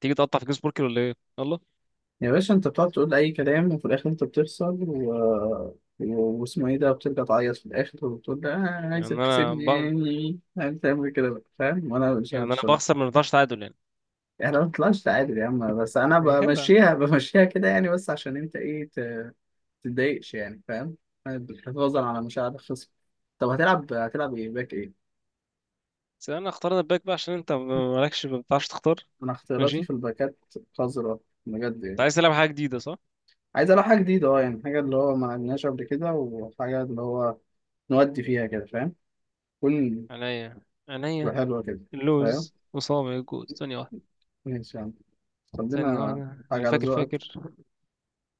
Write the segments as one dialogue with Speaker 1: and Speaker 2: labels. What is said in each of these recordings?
Speaker 1: تيجي تقطع في جيمس بوركر ولا ايه؟ يلا.
Speaker 2: يا باشا انت بتقعد تقول اي كلام وفي الاخر انت بتخسر واسمه ايه ده بترجع تعيط في الاخر وبتقول ده
Speaker 1: يعني
Speaker 2: عايزك
Speaker 1: انا ب...
Speaker 2: تسيبني عايز تعمل كده بقى فاهم وانا مش
Speaker 1: يعني
Speaker 2: عارف
Speaker 1: انا
Speaker 2: الشغل.
Speaker 1: بخسر، ما بنفعش تعادل يعني.
Speaker 2: احنا ما طلعش تعادل يا عم، بس انا
Speaker 1: يعني كده.
Speaker 2: بمشيها كده يعني، بس عشان انت ايه تتضايقش يعني فاهم. حفاظا على مشاعر الخصم. طب هتلعب ايه، باك ايه؟
Speaker 1: بس انا اخترنا الباك بقى عشان انت مالكش، ما بتعرفش تختار.
Speaker 2: انا اختياراتي
Speaker 1: ماشي.
Speaker 2: في الباكات قذرة، بجد
Speaker 1: انت
Speaker 2: يعني.
Speaker 1: عايز تلعب حاجه جديده صح؟
Speaker 2: عايز العب حاجه جديده اه، يعني حاجه اللي هو ما عملناش قبل كده، وحاجه اللي هو نودي فيها كده فاهم. كل.
Speaker 1: عينيا، عينيا.
Speaker 2: حلوة كده. فاهم.
Speaker 1: اللوز وصابع الجوز، ثانيه واحده.
Speaker 2: ماشي يا عم. طب
Speaker 1: ثانيه
Speaker 2: لنا.
Speaker 1: واحده،
Speaker 2: حاجة
Speaker 1: اللي
Speaker 2: على
Speaker 1: فاكر فاكر.
Speaker 2: ذوقك.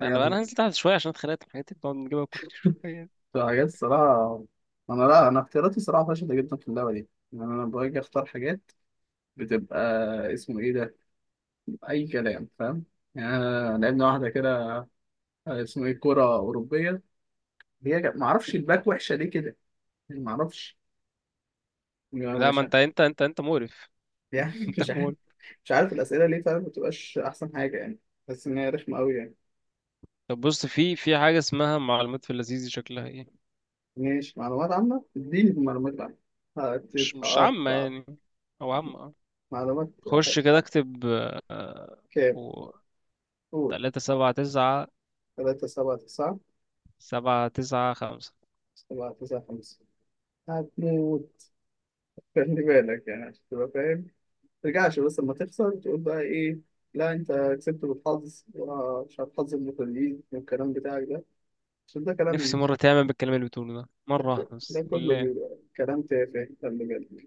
Speaker 1: لا،
Speaker 2: حاجة
Speaker 1: انا
Speaker 2: على
Speaker 1: بقى انا
Speaker 2: ذوقك.
Speaker 1: هنزل تحت شويه، عشان اتخانقت في حياتي بنقعد نجيبها كل شويه.
Speaker 2: حاجات، الصراحة أنا لا، أنا اختياراتي صراحة فاشلة جدا في اللعبة دي. يعني أنا باجي أختار حاجات بتبقى اسمه إيه ده، أي كلام فاهم. يعني أنا لعبنا واحدة كده اسمه إيه، كرة أوروبية. هي معرفش الباك وحشة ليه كده، يعني معرفش، يعني
Speaker 1: لا، ما
Speaker 2: مش عارف.
Speaker 1: انت مقرف.
Speaker 2: يعني
Speaker 1: انت
Speaker 2: مش عارف
Speaker 1: مقرف.
Speaker 2: مش عارف الأسئلة ليه فاهم، متبقاش أحسن حاجة يعني، بس إن هي رخمة أوي يعني.
Speaker 1: طب بص، في حاجه اسمها معلومات في اللذيذ، شكلها ايه؟
Speaker 2: ماشي معلومات عامة، اديني في معلومات عامة
Speaker 1: مش عامه
Speaker 2: هتتقطع.
Speaker 1: يعني، او عامه.
Speaker 2: معلومات.
Speaker 1: خش كده اكتب.
Speaker 2: كام؟ قول.
Speaker 1: تلاتة سبعة تسعة.
Speaker 2: 3 7 9.
Speaker 1: سبعة تسعة خمسة.
Speaker 2: 7 9 5. هتموت. خلي بالك يعني عشان تبقى فاهم، مترجعش بس لما تخسر تقول بقى ايه: لا انت كسبت بالحظ، ومش عارف حظ المتدربين والكلام بتاعك ده، عشان ده كلام.
Speaker 1: نفسي مرة تعمل بالكلام اللي بتقوله ده مرة واحدة
Speaker 2: ده
Speaker 1: بس
Speaker 2: كله
Speaker 1: لله.
Speaker 2: بيبقى كلام تافه، خلي بالك.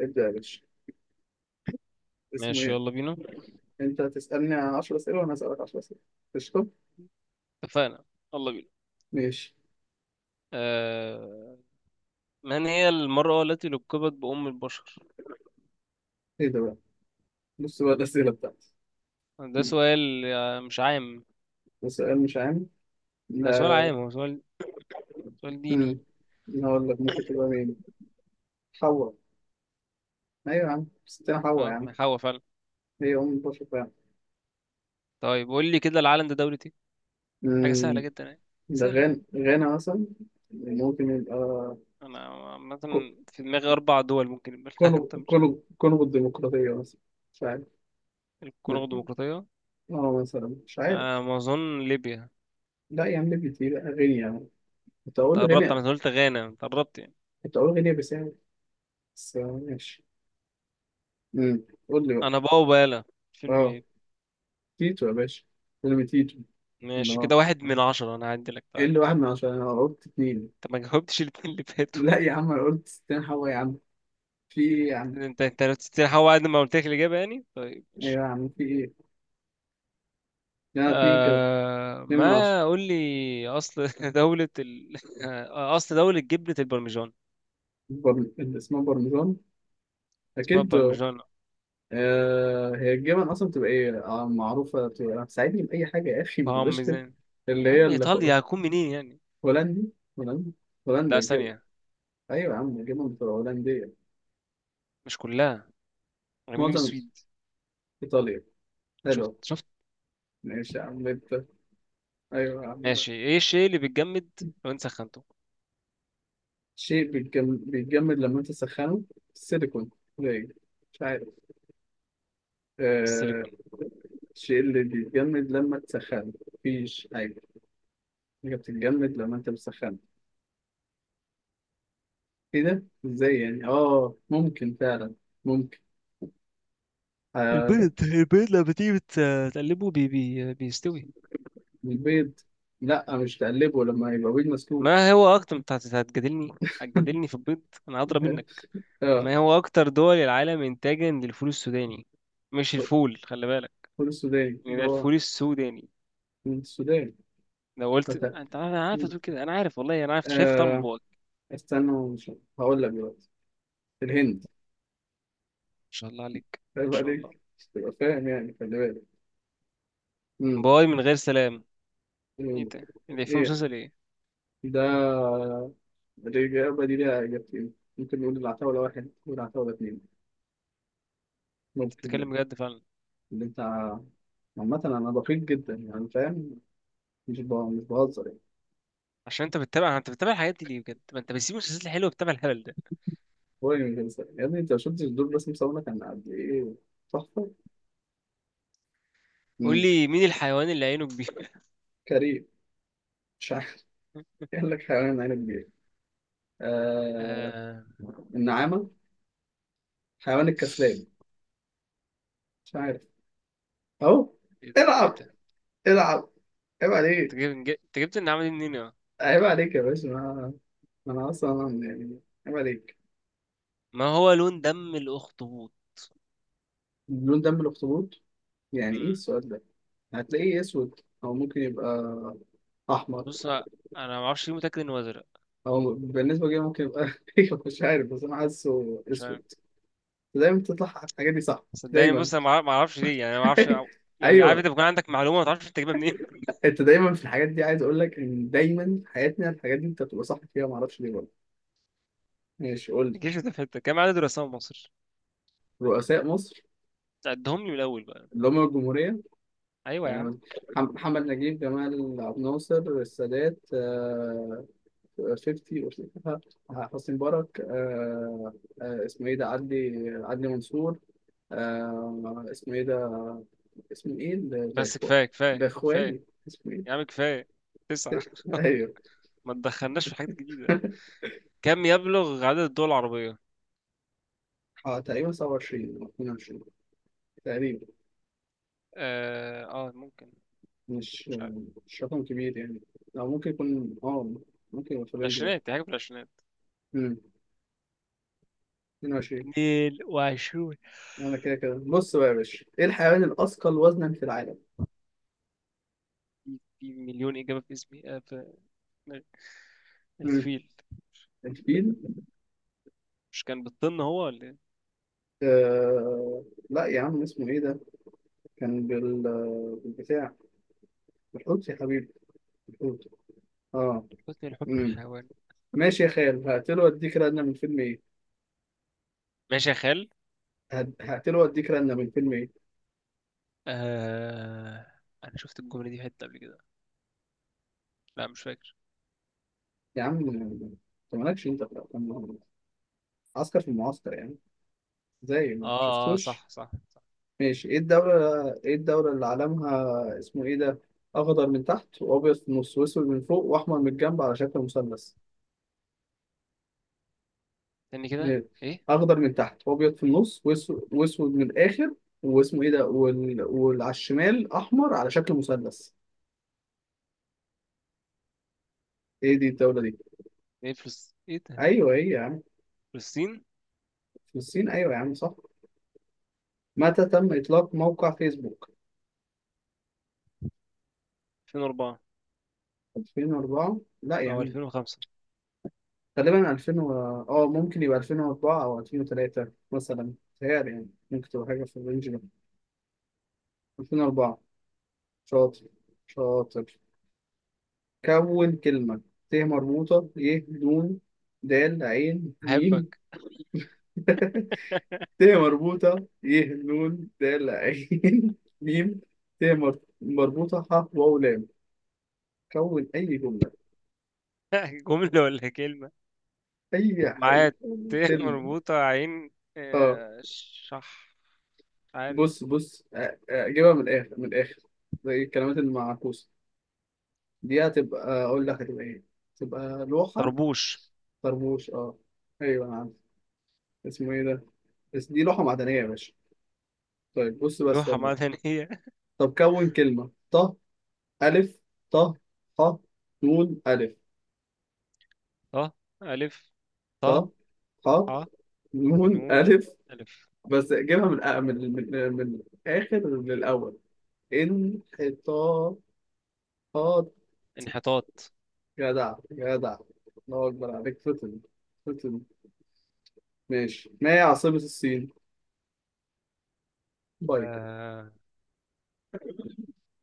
Speaker 2: ابدأ يا باشا، اسمه
Speaker 1: ماشي،
Speaker 2: ايه؟
Speaker 1: يلا بينا.
Speaker 2: انت هتسألني 10 أسئلة وانا هسألك 10 أسئلة، قشطة؟
Speaker 1: اتفقنا. يلا بينا.
Speaker 2: ماشي.
Speaker 1: أه... من هي المرأة التي لقبت بأم البشر؟
Speaker 2: ايه ده بقى؟ بص بقى الأسئلة بتاعتي.
Speaker 1: ده سؤال مش عام.
Speaker 2: سؤال مش عام،
Speaker 1: ده سؤال
Speaker 2: لا.
Speaker 1: عام، هو سؤال. سؤال ديني.
Speaker 2: مم. أنا هقول لك ممكن تبقى مين، حواء. أيوة يا عم، ستنا حواء يا
Speaker 1: اه،
Speaker 2: عم،
Speaker 1: ما هو فعلا.
Speaker 2: هي أم البشر فعلا.
Speaker 1: طيب قول لي كده، العالم ده دولة ايه؟ حاجة سهلة
Speaker 2: مم.
Speaker 1: جدا يعني.
Speaker 2: ده
Speaker 1: سهلة جدا.
Speaker 2: غانا مثلا، ممكن يبقى
Speaker 1: أنا عامة
Speaker 2: كو-
Speaker 1: في دماغي أربع دول ممكن يبقى
Speaker 2: كونغو
Speaker 1: العالم ده مش.
Speaker 2: كونغو كونغو الديمقراطية مثلا، مش عارف. لا.
Speaker 1: الكونغو الديمقراطية.
Speaker 2: اه مثلا مش عارف.
Speaker 1: أنا ما أظن ليبيا.
Speaker 2: لا يا عم، ليبيا دي بقى غينيا يعني. كنت
Speaker 1: أنت
Speaker 2: أقول
Speaker 1: قربت،
Speaker 2: غينيا.
Speaker 1: أنا قلت غانا، أنت قربت يعني.
Speaker 2: كنت أقول غينيا بيساو، بس آه، ماشي. قول لي بقى.
Speaker 1: انا بقى وبالا. فيلم
Speaker 2: اه،
Speaker 1: ايه؟
Speaker 2: تيتو يا باشا، فيلم تيتو.
Speaker 1: ماشي
Speaker 2: لا،
Speaker 1: كده، واحد من عشرة، انا هعدي لك
Speaker 2: ايه
Speaker 1: تعالى.
Speaker 2: اللي 1 من 10، انا قلت اتنين.
Speaker 1: انت ما جاوبتش الاتنين اللي فاتوا.
Speaker 2: لا يا عم انا قلت ستين حوا يا عم، في ايه يا عم؟
Speaker 1: انت لو تستريح هو بعد ما قلت لك الاجابه يعني، طيب
Speaker 2: ايوه
Speaker 1: ماشي.
Speaker 2: يا عم، في ايه؟ لا، اتنين كده،
Speaker 1: آه،
Speaker 2: اتنين من
Speaker 1: ما
Speaker 2: عشرة
Speaker 1: قول لي اصل آه، اصل دولة جبنة البرمجان.
Speaker 2: اللي اسمها برمجان،
Speaker 1: اسمها
Speaker 2: اكيد.
Speaker 1: برمجان.
Speaker 2: هي الجبن اصلا بتبقى ايه، معروفة، بتبقى ساعدني بأي حاجة يا اخي، ما تبقاش كده.
Speaker 1: بارميزان.
Speaker 2: اللي
Speaker 1: يا
Speaker 2: هي
Speaker 1: عم ايطاليا، هكون منين يعني؟
Speaker 2: هولندي هولندي. هولندا
Speaker 1: لا
Speaker 2: الجبن.
Speaker 1: ثانية.
Speaker 2: ايوه يا عم، الجبن بتبقى هولندية.
Speaker 1: مش كلها، غير من
Speaker 2: معظم.
Speaker 1: السويد.
Speaker 2: ايطاليا.
Speaker 1: شفت،
Speaker 2: حلو.
Speaker 1: شفت.
Speaker 2: ماشي يا عم، انت. ايوه يا عم.
Speaker 1: ماشي، ايه الشيء اللي بيتجمد لو انت سخنته؟
Speaker 2: شيء بيتجمد لما انت تسخنه، السيليكون. قليل. مش عارف. آه
Speaker 1: السيليكون.
Speaker 2: الشيء اللي بيتجمد لما تسخنه مفيش حاجة، حاجة بتتجمد لما انت بتسخنه. ايه ده؟ ازاي يعني؟ اه ممكن فعلا، ممكن. آه لا.
Speaker 1: البيض، البيض لما تيجي تقلبه بي بي بيستوي.
Speaker 2: البيض، لا مش تقلبه لما يبقى بيض مسلوق.
Speaker 1: ما هو اكتر، انت هتجادلني. هتجادلني في البيض، انا هضرب منك.
Speaker 2: اه.
Speaker 1: ما هو اكتر دول العالم انتاجا للفول السوداني؟ مش الفول، خلي بالك.
Speaker 2: فول السوداني
Speaker 1: يعني
Speaker 2: اللي
Speaker 1: ده
Speaker 2: هو
Speaker 1: الفول السوداني.
Speaker 2: من السودان.
Speaker 1: لو قلت
Speaker 2: فت-
Speaker 1: انت انا عارف، تقول كده انا عارف، والله انا عارف شايف طعم
Speaker 2: آه
Speaker 1: بواقي.
Speaker 2: استنى مش، هقول لك دلوقتي، الهند.
Speaker 1: ما شاء الله عليك، ما
Speaker 2: عيب
Speaker 1: شاء الله.
Speaker 2: عليك، مش تبقى فاهم يعني، خلي بالك.
Speaker 1: بواقي من غير سلام. ايه
Speaker 2: مم.
Speaker 1: ده اللي فيه؟
Speaker 2: ايه
Speaker 1: مسلسل ايه؟
Speaker 2: ده؟ الإجابة دي ليها إجابتين، ممكن نقول العتاولة واحد والعتاولة اتنين.
Speaker 1: انت
Speaker 2: ممكن. لا.
Speaker 1: بتتكلم بجد فعلا؟
Speaker 2: اللي أنت، عامة أنا دقيق جدا يعني فاهم، مش بهزر يعني.
Speaker 1: عشان انت بتتابع، بتتابع الحاجات دي ليه بجد؟ ما انت بتسيب المسلسلات الحلوه بتتابع الهبل ده.
Speaker 2: هو اللي مش بهزر يا ابني، أنت ما شفتش دول، رسم صورنا كان قد إيه، تحفة.
Speaker 1: قول
Speaker 2: مم.
Speaker 1: لي، مين الحيوان اللي عينه كبيره؟
Speaker 2: كريم. مش عارف. قال لك حيوان عينه كبيرة. آه...
Speaker 1: آه...
Speaker 2: النعامة، حيوان الكسلان، مش عارف. أهو.
Speaker 1: ايه ده، ايه
Speaker 2: العب.
Speaker 1: ده؟
Speaker 2: العب. عيب
Speaker 1: انت
Speaker 2: عليك.
Speaker 1: جبت، جبت النعمة دي منين يا؟
Speaker 2: عيب عليك يا باشا. ما أنا أصلا يعني، عيب عليك.
Speaker 1: ما هو لون دم الاخطبوط؟
Speaker 2: لون دم الأخطبوط؟ يعني إيه
Speaker 1: مم.
Speaker 2: السؤال ده؟ هتلاقيه إيه، أسود، أو ممكن يبقى أحمر.
Speaker 1: بص انا ما اعرفش ليه، متاكد انه ازرق.
Speaker 2: أو بالنسبة لي ممكن يبقى، مش عارف، بس أنا حاسه
Speaker 1: مش عارف،
Speaker 2: أسود. دايما تطلع الحاجات دي صح،
Speaker 1: صدقني.
Speaker 2: دايما.
Speaker 1: بص انا ما اعرفش ليه يعني، أنا ما اعرفش. يعني عارف،
Speaker 2: أيوه.
Speaker 1: انت بيكون عندك معلومه ما تعرفش تجيبها منين.
Speaker 2: أنت دايما في الحاجات دي، عايز أقول لك إن دايما في حياتنا الحاجات دي أنت بتبقى صح فيها، معرفش ليه برضه. ماشي، قول لي.
Speaker 1: جيش متفتت، كام عدد الرسام في مصر؟
Speaker 2: رؤساء مصر
Speaker 1: عدهم لي من الاول بقى.
Speaker 2: اللي هم الجمهورية،
Speaker 1: ايوه يا عم.
Speaker 2: آه، محمد نجيب، جمال عبد الناصر، السادات، 50 وشريكها، حسني مبارك، اسمه ايه ده، عدلي منصور، اسمه ايه ده، اسمه ايه
Speaker 1: بس
Speaker 2: الاخوان،
Speaker 1: كفايه كفايه كفايه.
Speaker 2: الاخواني اسمه ايه.
Speaker 1: يا عم كفايه. تسعه.
Speaker 2: ايوه.
Speaker 1: ما تدخلناش في حاجات جديده. كم يبلغ عدد الدول العربيه؟
Speaker 2: اه تقريبا 27 او 22، تقريبا.
Speaker 1: اه, آه ممكن.
Speaker 2: مش
Speaker 1: مش عارف.
Speaker 2: مش رقم كبير يعني، او ممكن يكون ممكن يبقى في الرينج ده.
Speaker 1: العشرينات، دي حاجه في العشرينات.
Speaker 2: امم 22.
Speaker 1: 22. في
Speaker 2: انا كده كده. بص بقى يا باشا، ايه الحيوان الاثقل وزنا في العالم؟
Speaker 1: في مليون إجابة في اسمي، في دماغي.
Speaker 2: امم
Speaker 1: الفيل.
Speaker 2: الفيل.
Speaker 1: مش كان بالطن هو ولا إيه؟
Speaker 2: آه... لا يا عم، اسمه ايه ده؟ كان بالبتاع بالحوت يا حبيبي، بالحوت. اه
Speaker 1: حسني الحب
Speaker 2: امم
Speaker 1: الحيوان.
Speaker 2: ماشي يا خال، هقتله واديك رنه من فيلم ايه.
Speaker 1: ماشي يا خال.
Speaker 2: هقتله واديك رنه من فيلم ايه.
Speaker 1: آه... أنا شفت الجملة دي في حتة قبل كده. لا مش فاكر.
Speaker 2: يا عم انت مالكش انت في الأفلام، عسكر في المعسكر يعني، زي
Speaker 1: آه
Speaker 2: ما
Speaker 1: آه،
Speaker 2: شفتوش.
Speaker 1: صح صح صح.
Speaker 2: ماشي، ايه الدولة، ايه الدولة اللي علمها اسمه ايه ده، اخضر من تحت وابيض في النص واسود من فوق واحمر من الجنب على شكل مثلث.
Speaker 1: استني كده.
Speaker 2: إيه؟
Speaker 1: إيه؟
Speaker 2: اخضر من تحت وابيض في النص واسود من الاخر واسمه ايه ده وعلى الشمال احمر على شكل مثلث، ايه دي الدوله دي؟
Speaker 1: إيه إيه ده؟
Speaker 2: ايوه هي يا عم،
Speaker 1: فلسطين.
Speaker 2: في الصين. ايوه يا عم، صح. متى تم اطلاق موقع فيسبوك؟
Speaker 1: 2004.
Speaker 2: 2004. لا يا
Speaker 1: أو
Speaker 2: عم،
Speaker 1: 2005.
Speaker 2: غالبا 2000 اه ممكن يبقى 2004 او 2003 مثلا، تهيألي يعني ممكن تبقى حاجه في الرينج ده. 2004. شاطر شاطر. كون كلمه: ت مربوطه، ي، دون، د، عين، ميم.
Speaker 1: أحبك.
Speaker 2: ت مربوطة، ي، نون، د، ل، عين. ميم، ت مر- مربوطة، ح، واو، لام. كون أي جملة.
Speaker 1: جملة ولا كلمة؟
Speaker 2: أي
Speaker 1: معايا.
Speaker 2: حاجة،
Speaker 1: ت
Speaker 2: أي كلمة.
Speaker 1: مربوطة عين.
Speaker 2: اه.
Speaker 1: آه، شح. مش عارف.
Speaker 2: بص آه، أجيبها من الآخر، من الآخر، زي الكلمات المعكوسة دي. هتبقى أقول لك هتبقى إيه، تبقى لوحة.
Speaker 1: طربوش.
Speaker 2: طربوش اه، أيوه أنا عارف، اسمه إيه ده، بس دي لوحة معدنية يا باشا. طيب بص بس
Speaker 1: لوحة
Speaker 2: برضه.
Speaker 1: معدنية.
Speaker 2: طب كون كلمة: ط، ألف، ط، ح، نون، ألف،
Speaker 1: ط، ألف، ط،
Speaker 2: ص، ح،
Speaker 1: ح،
Speaker 2: نون،
Speaker 1: نون،
Speaker 2: ألف.
Speaker 1: ألف.
Speaker 2: بس جيبها من من الآخر للأول، انحطاطات.
Speaker 1: انحطاط.
Speaker 2: جدع جدع. الله أكبر عليك، فتن فتن. ماشي، ما هي عاصمة الصين؟ بايك.
Speaker 1: آه...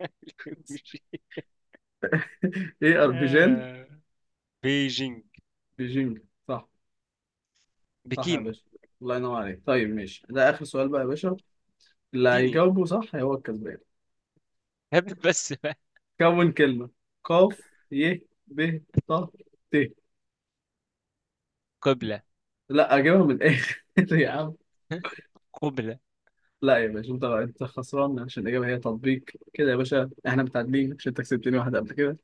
Speaker 2: إيه أربيجان؟
Speaker 1: آه، بيجينج.
Speaker 2: بيجينج، صح. صح يا
Speaker 1: بكين.
Speaker 2: باشا، الله ينور عليك. طيب ماشي، ده آخر سؤال بقى يا باشا، اللي
Speaker 1: اديني.
Speaker 2: هيجاوبه صح هو الكسبان.
Speaker 1: هبل. بس بقى.
Speaker 2: كون كلمة: قاف، ي، ب، ط، ت.
Speaker 1: قبلة.
Speaker 2: لا أجيبها من الآخر، يا عم.
Speaker 1: قبلة.
Speaker 2: لا يا باشا، انت خسران، عشان الاجابه هي تطبيق. كده يا باشا احنا متعادلين، عشان انت كسبتني واحده قبل كده.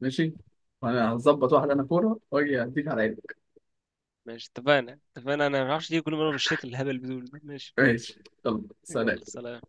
Speaker 2: ماشي، وانا هظبط واحده انا كوره واجي اديك على عينك.
Speaker 1: ماشي، اتفقنا اتفقنا. انا ما اعرفش ليه كل مرة بالشكل الهبل بدول ده. ماشي،
Speaker 2: ماشي يلا سلام.
Speaker 1: يلا سلام.